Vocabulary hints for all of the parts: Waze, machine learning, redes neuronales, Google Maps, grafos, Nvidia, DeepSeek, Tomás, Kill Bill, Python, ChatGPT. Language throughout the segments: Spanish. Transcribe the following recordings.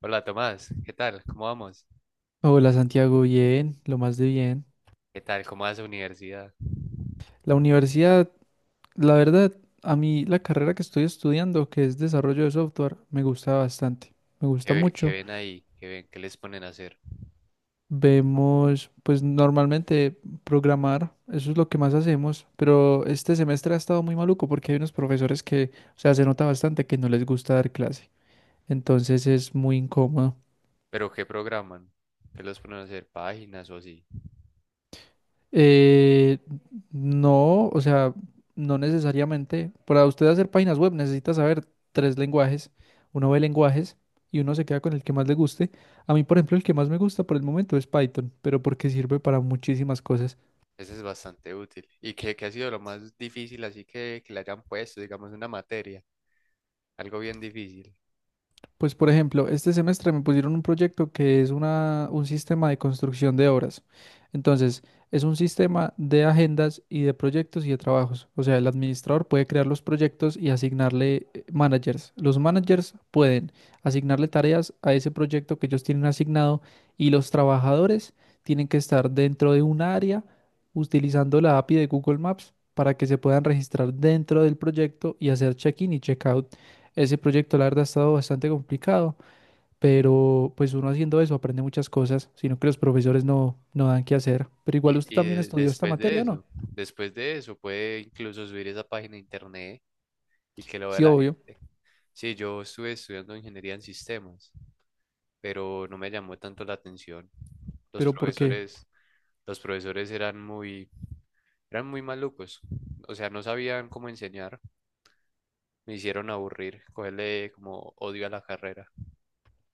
Hola Tomás, ¿qué tal? ¿Cómo vamos? Hola Santiago, bien, lo más de bien. ¿Qué tal? ¿Cómo va esa universidad? La universidad, la verdad, a mí la carrera que estoy estudiando, que es desarrollo de software, me gusta bastante, me ¿Qué, gusta qué mucho. ven ahí? ¿Qué ven? ¿Qué les ponen a hacer? Vemos, pues normalmente programar, eso es lo que más hacemos, pero este semestre ha estado muy maluco porque hay unos profesores que, o sea, se nota bastante que no les gusta dar clase, entonces es muy incómodo. ¿Pero qué programan? ¿Qué los ponen a hacer? ¿Páginas o así? Eh, no, o sea, no necesariamente. Para usted hacer páginas web necesita saber tres lenguajes. Uno ve lenguajes y uno se queda con el que más le guste. A mí, por ejemplo, el que más me gusta por el momento es Python, pero porque sirve para muchísimas cosas. Eso es bastante útil. ¿Y qué ha sido lo más difícil así que le hayan puesto, digamos, una materia? Algo bien difícil. Pues por ejemplo, este semestre me pusieron un proyecto que es un sistema de construcción de obras. Entonces, es un sistema de agendas y de proyectos y de trabajos. O sea, el administrador puede crear los proyectos y asignarle managers. Los managers pueden asignarle tareas a ese proyecto que ellos tienen asignado y los trabajadores tienen que estar dentro de un área utilizando la API de Google Maps para que se puedan registrar dentro del proyecto y hacer check-in y check-out. Ese proyecto, la verdad, ha estado bastante complicado, pero pues uno haciendo eso aprende muchas cosas, sino que los profesores no, no dan qué hacer. Pero igual usted también estudió esta Después de materia, ¿no? eso, puede incluso subir esa página a internet y que lo vea Sí, la obvio, gente. Sí, yo estuve estudiando ingeniería en sistemas, pero no me llamó tanto la atención. Los pero ¿por qué? profesores... Los profesores eran muy malucos, o sea, no sabían cómo enseñar, me hicieron aburrir, cogerle como odio a la carrera.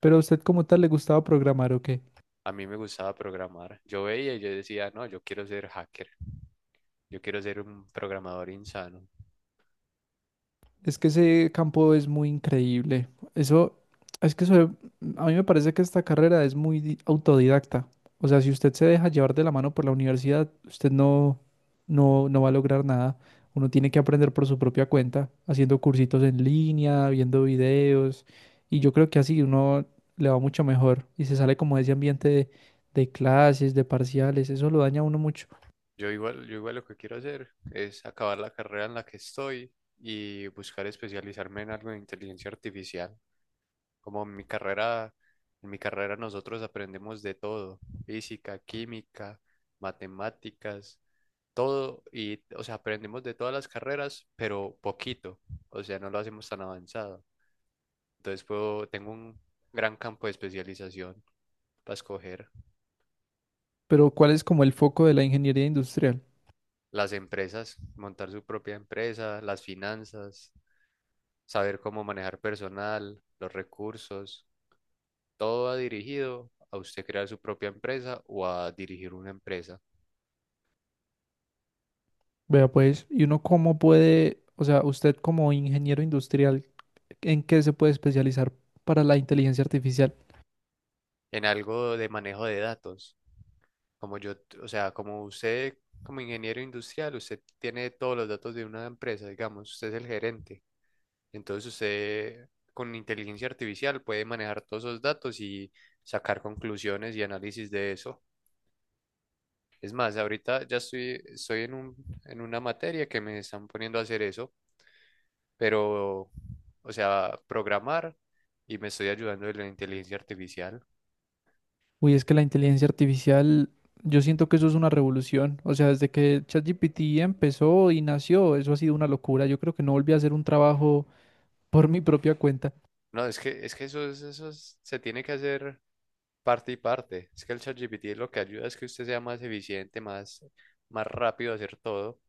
¿Pero a usted como tal le gustaba programar o qué? A mí me gustaba programar. Yo veía y yo decía, no, yo quiero ser hacker, yo quiero ser un programador insano. Es que ese campo es muy increíble. Eso, es que eso, a mí me parece que esta carrera es muy autodidacta. O sea, si usted se deja llevar de la mano por la universidad, usted no, no va a lograr nada. Uno tiene que aprender por su propia cuenta, haciendo cursitos en línea, viendo videos. Y yo creo que así uno le va mucho mejor y se sale como de ese ambiente de clases, de parciales. Eso lo daña a uno mucho. Yo igual lo que quiero hacer es acabar la carrera en la que estoy y buscar especializarme en algo de inteligencia artificial. Como en mi carrera nosotros aprendemos de todo, física, química, matemáticas, todo y, o sea, aprendemos de todas las carreras, pero poquito, o sea, no lo hacemos tan avanzado. Entonces tengo un gran campo de especialización para escoger Pero ¿cuál es como el foco de la ingeniería industrial? las empresas, montar su propia empresa, las finanzas, saber cómo manejar personal, los recursos, todo va dirigido a usted crear su propia empresa o a dirigir una empresa Vea pues, ¿y uno cómo puede, o sea, usted como ingeniero industrial, ¿en qué se puede especializar para la inteligencia artificial? en algo de manejo de datos. Como yo, t- o sea, como usted, como ingeniero industrial, usted tiene todos los datos de una empresa, digamos, usted es el gerente. Entonces usted con inteligencia artificial puede manejar todos esos datos y sacar conclusiones y análisis de eso. Es más, estoy en en una materia que me están poniendo a hacer eso, pero, o sea, programar y me estoy ayudando de la inteligencia artificial. Uy, es que la inteligencia artificial, yo siento que eso es una revolución. O sea, desde que ChatGPT empezó y nació, eso ha sido una locura. Yo creo que no volví a hacer un trabajo por mi propia cuenta. No, es que eso es se tiene que hacer parte y parte. Es que el ChatGPT lo que ayuda es que usted sea más eficiente, más rápido a hacer todo.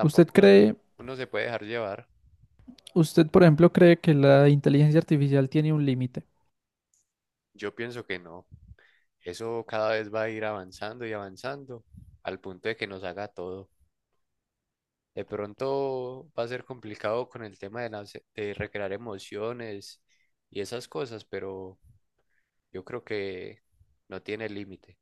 ¿Usted uno, cree, uno se puede dejar llevar. usted por ejemplo cree que la inteligencia artificial tiene un límite? Yo pienso que no. Eso cada vez va a ir avanzando y avanzando al punto de que nos haga todo. De pronto va a ser complicado con el tema de recrear emociones y esas cosas, pero yo creo que no tiene límite.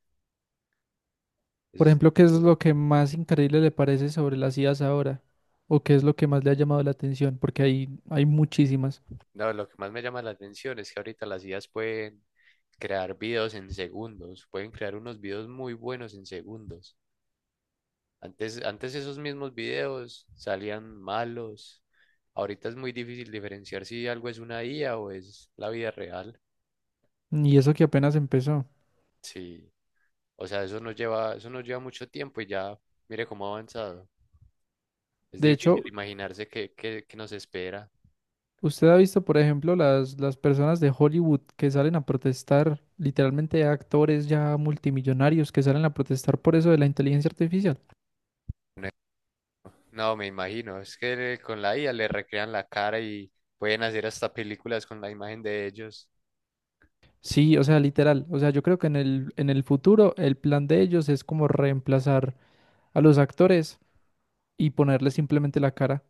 Ese Por es el ejemplo, ¿qué es futuro. lo que más increíble le parece sobre las IAs ahora? ¿O qué es lo que más le ha llamado la atención? Porque hay muchísimas. No, lo que más me llama la atención es que ahorita las IAs pueden crear videos en segundos, pueden crear unos videos muy buenos en segundos. Antes esos mismos videos salían malos. Ahorita es muy difícil diferenciar si algo es una IA o es la vida real. Y eso que apenas empezó. Sí, o sea, eso nos lleva mucho tiempo y ya, mire cómo ha avanzado. Es De difícil hecho, imaginarse qué nos espera. usted ha visto, por ejemplo, las personas de Hollywood que salen a protestar, literalmente actores ya multimillonarios que salen a protestar por eso de la inteligencia artificial. No, me imagino. Es que con la IA le recrean la cara y pueden hacer hasta películas con la imagen de ellos. Sí, o sea, literal. O sea, yo creo que en el futuro el plan de ellos es como reemplazar a los actores y ponerles simplemente la cara.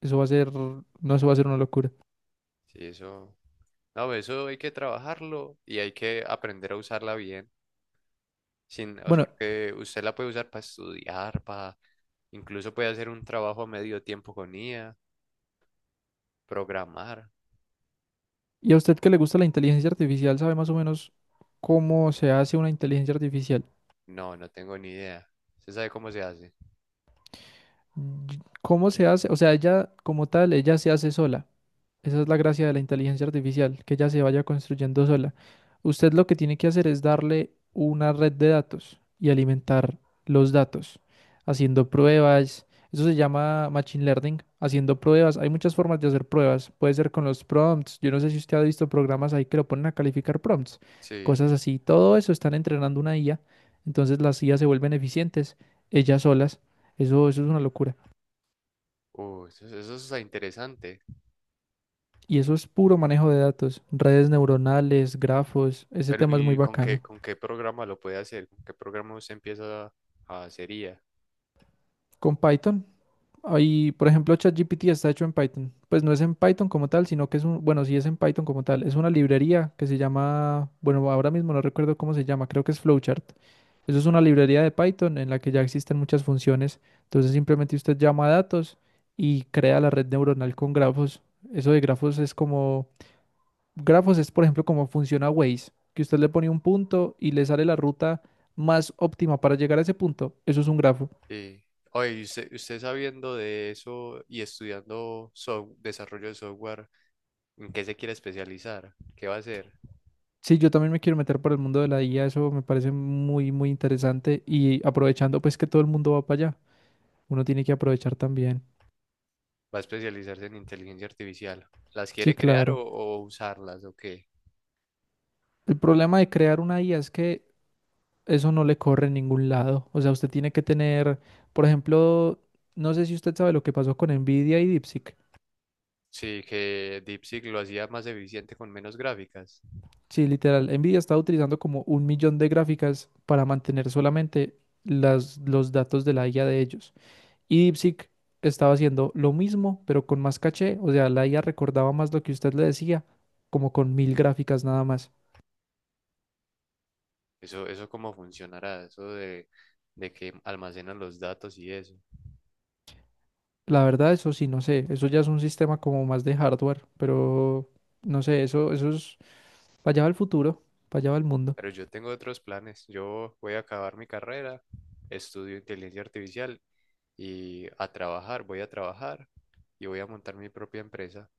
Eso va a ser, no, eso va a ser una locura. Sí, eso. No, eso hay que trabajarlo y hay que aprender a usarla bien. Sin, o sea, Bueno, porque usted la puede usar para estudiar, para incluso puede hacer un trabajo a medio tiempo con IA, programar. ¿y a usted que le gusta la inteligencia artificial, sabe más o menos cómo se hace una inteligencia artificial? No, no tengo ni idea. ¿Usted sabe cómo se hace? ¿Cómo se hace? O sea, ella como tal, ella se hace sola. Esa es la gracia de la inteligencia artificial, que ella se vaya construyendo sola. Usted lo que tiene que hacer es darle una red de datos y alimentar los datos, haciendo pruebas. Eso se llama machine learning, haciendo pruebas. Hay muchas formas de hacer pruebas. Puede ser con los prompts. Yo no sé si usted ha visto programas ahí que lo ponen a calificar prompts, Sí. cosas así. Todo eso están entrenando una IA. Entonces las IA se vuelven eficientes, ellas solas. Eso es una locura. Eso está interesante. Y eso es puro manejo de datos, redes neuronales, grafos, ese Pero, tema es muy ¿y con bacano. con qué programa lo puede hacer? ¿Con qué programa usted empieza a hacer IA? Con Python, ahí, por ejemplo, ChatGPT está hecho en Python. Pues no es en Python como tal, sino que es un, bueno, sí es en Python como tal, es una librería que se llama, bueno, ahora mismo no recuerdo cómo se llama, creo que es Flowchart. Eso es una librería de Python en la que ya existen muchas funciones. Entonces simplemente usted llama a datos y crea la red neuronal con grafos. Eso de grafos es como Grafos es, por ejemplo, como funciona Waze, que usted le pone un punto y le sale la ruta más óptima para llegar a ese punto. Eso es un grafo. Sí. Oye, y usted sabiendo de eso y estudiando desarrollo de software, ¿en qué se quiere especializar? ¿Qué va a hacer? Sí, yo también me quiero meter por el mundo de la IA, eso me parece muy, muy interesante y aprovechando pues que todo el mundo va para allá, uno tiene que aprovechar también. ¿Va a especializarse en inteligencia artificial? ¿Las Sí, quiere crear claro. o usarlas o qué? El problema de crear una IA es que eso no le corre en ningún lado. O sea, usted tiene que tener, por ejemplo, no sé si usted sabe lo que pasó con Nvidia y DeepSeek. Sí, que DeepSeek lo hacía más eficiente con menos gráficas. Sí, literal. Nvidia está utilizando como un millón de gráficas para mantener solamente las, los datos de la IA de ellos. Y DeepSeek estaba haciendo lo mismo, pero con más caché. O sea, la IA recordaba más lo que usted le decía, como con mil gráficas nada más. Eso cómo funcionará, eso de que almacenan los datos y eso. La verdad, eso sí, no sé. Eso ya es un sistema como más de hardware, pero no sé, eso es para allá va el futuro, para allá va el mundo. Pero yo tengo otros planes. Yo voy a acabar mi carrera, estudio inteligencia artificial y a trabajar, voy a trabajar y voy a montar mi propia empresa.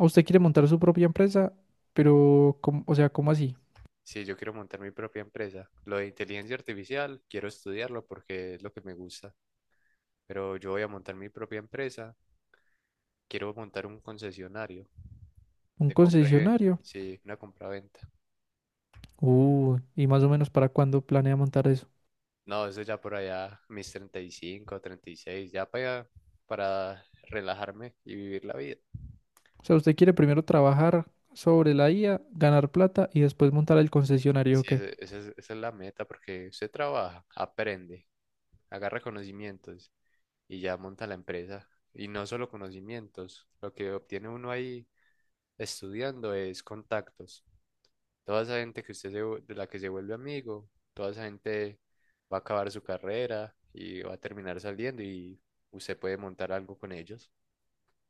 ¿O usted quiere montar su propia empresa? Pero, ¿cómo- o sea, ¿cómo así? Sí, yo quiero montar mi propia empresa, lo de inteligencia artificial, quiero estudiarlo porque es lo que me gusta, pero yo voy a montar mi propia empresa, quiero montar un concesionario ¿Un de compra y venta, concesionario? sí, una compra-venta. Y más o menos para cuándo planea montar eso. No, eso ya por allá, mis 30, 35, 36 ya para relajarme y vivir la vida. O sea, usted quiere primero trabajar sobre la IA, ganar plata y después montar el concesionario, ¿o Sí, qué? Esa es la meta, porque usted trabaja, aprende, agarra conocimientos y ya monta la empresa. Y no solo conocimientos, lo que obtiene uno ahí estudiando es contactos. Toda esa gente que usted de la que se vuelve amigo, toda esa gente va a acabar su carrera y va a terminar saliendo y usted puede montar algo con ellos.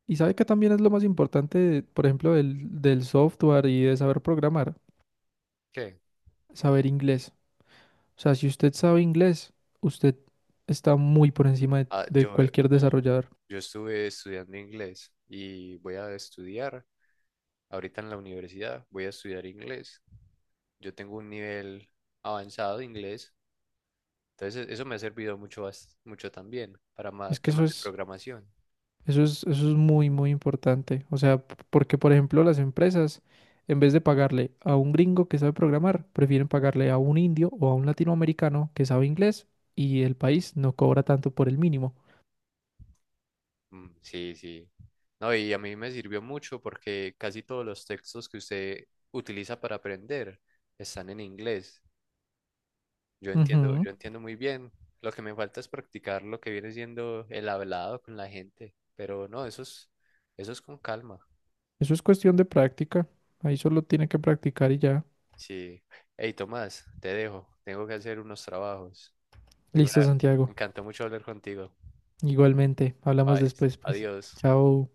Y sabe que también es lo más importante, por ejemplo, del software y de saber programar, ¿Qué? saber inglés. O sea, si usted sabe inglés, usted está muy por encima Ah, de cualquier desarrollador. yo estuve estudiando inglés y voy a estudiar ahorita en la universidad, voy a estudiar inglés. Yo tengo un nivel avanzado de inglés. Entonces, eso me ha servido mucho, mucho también para Es más que eso temas de es programación. Eso es, eso es muy, muy importante. O sea, porque por ejemplo las empresas, en vez de pagarle a un gringo que sabe programar, prefieren pagarle a un indio o a un latinoamericano que sabe inglés y el país no cobra tanto por el mínimo. Mm, sí, sí. No, y a mí me sirvió mucho porque casi todos los textos que usted utiliza para aprender están en inglés. Ujú. Yo entiendo muy bien. Lo que me falta es practicar lo que viene siendo el hablado con la gente. Pero no, eso es con calma. Eso es cuestión de práctica. Ahí solo tiene que practicar y ya. Sí. Hey, Tomás, te dejo. Tengo que hacer unos trabajos. Muy buena- Listo, Me Santiago. encantó mucho hablar contigo. Igualmente, hablamos Bye. después, pues. Adiós. Chao.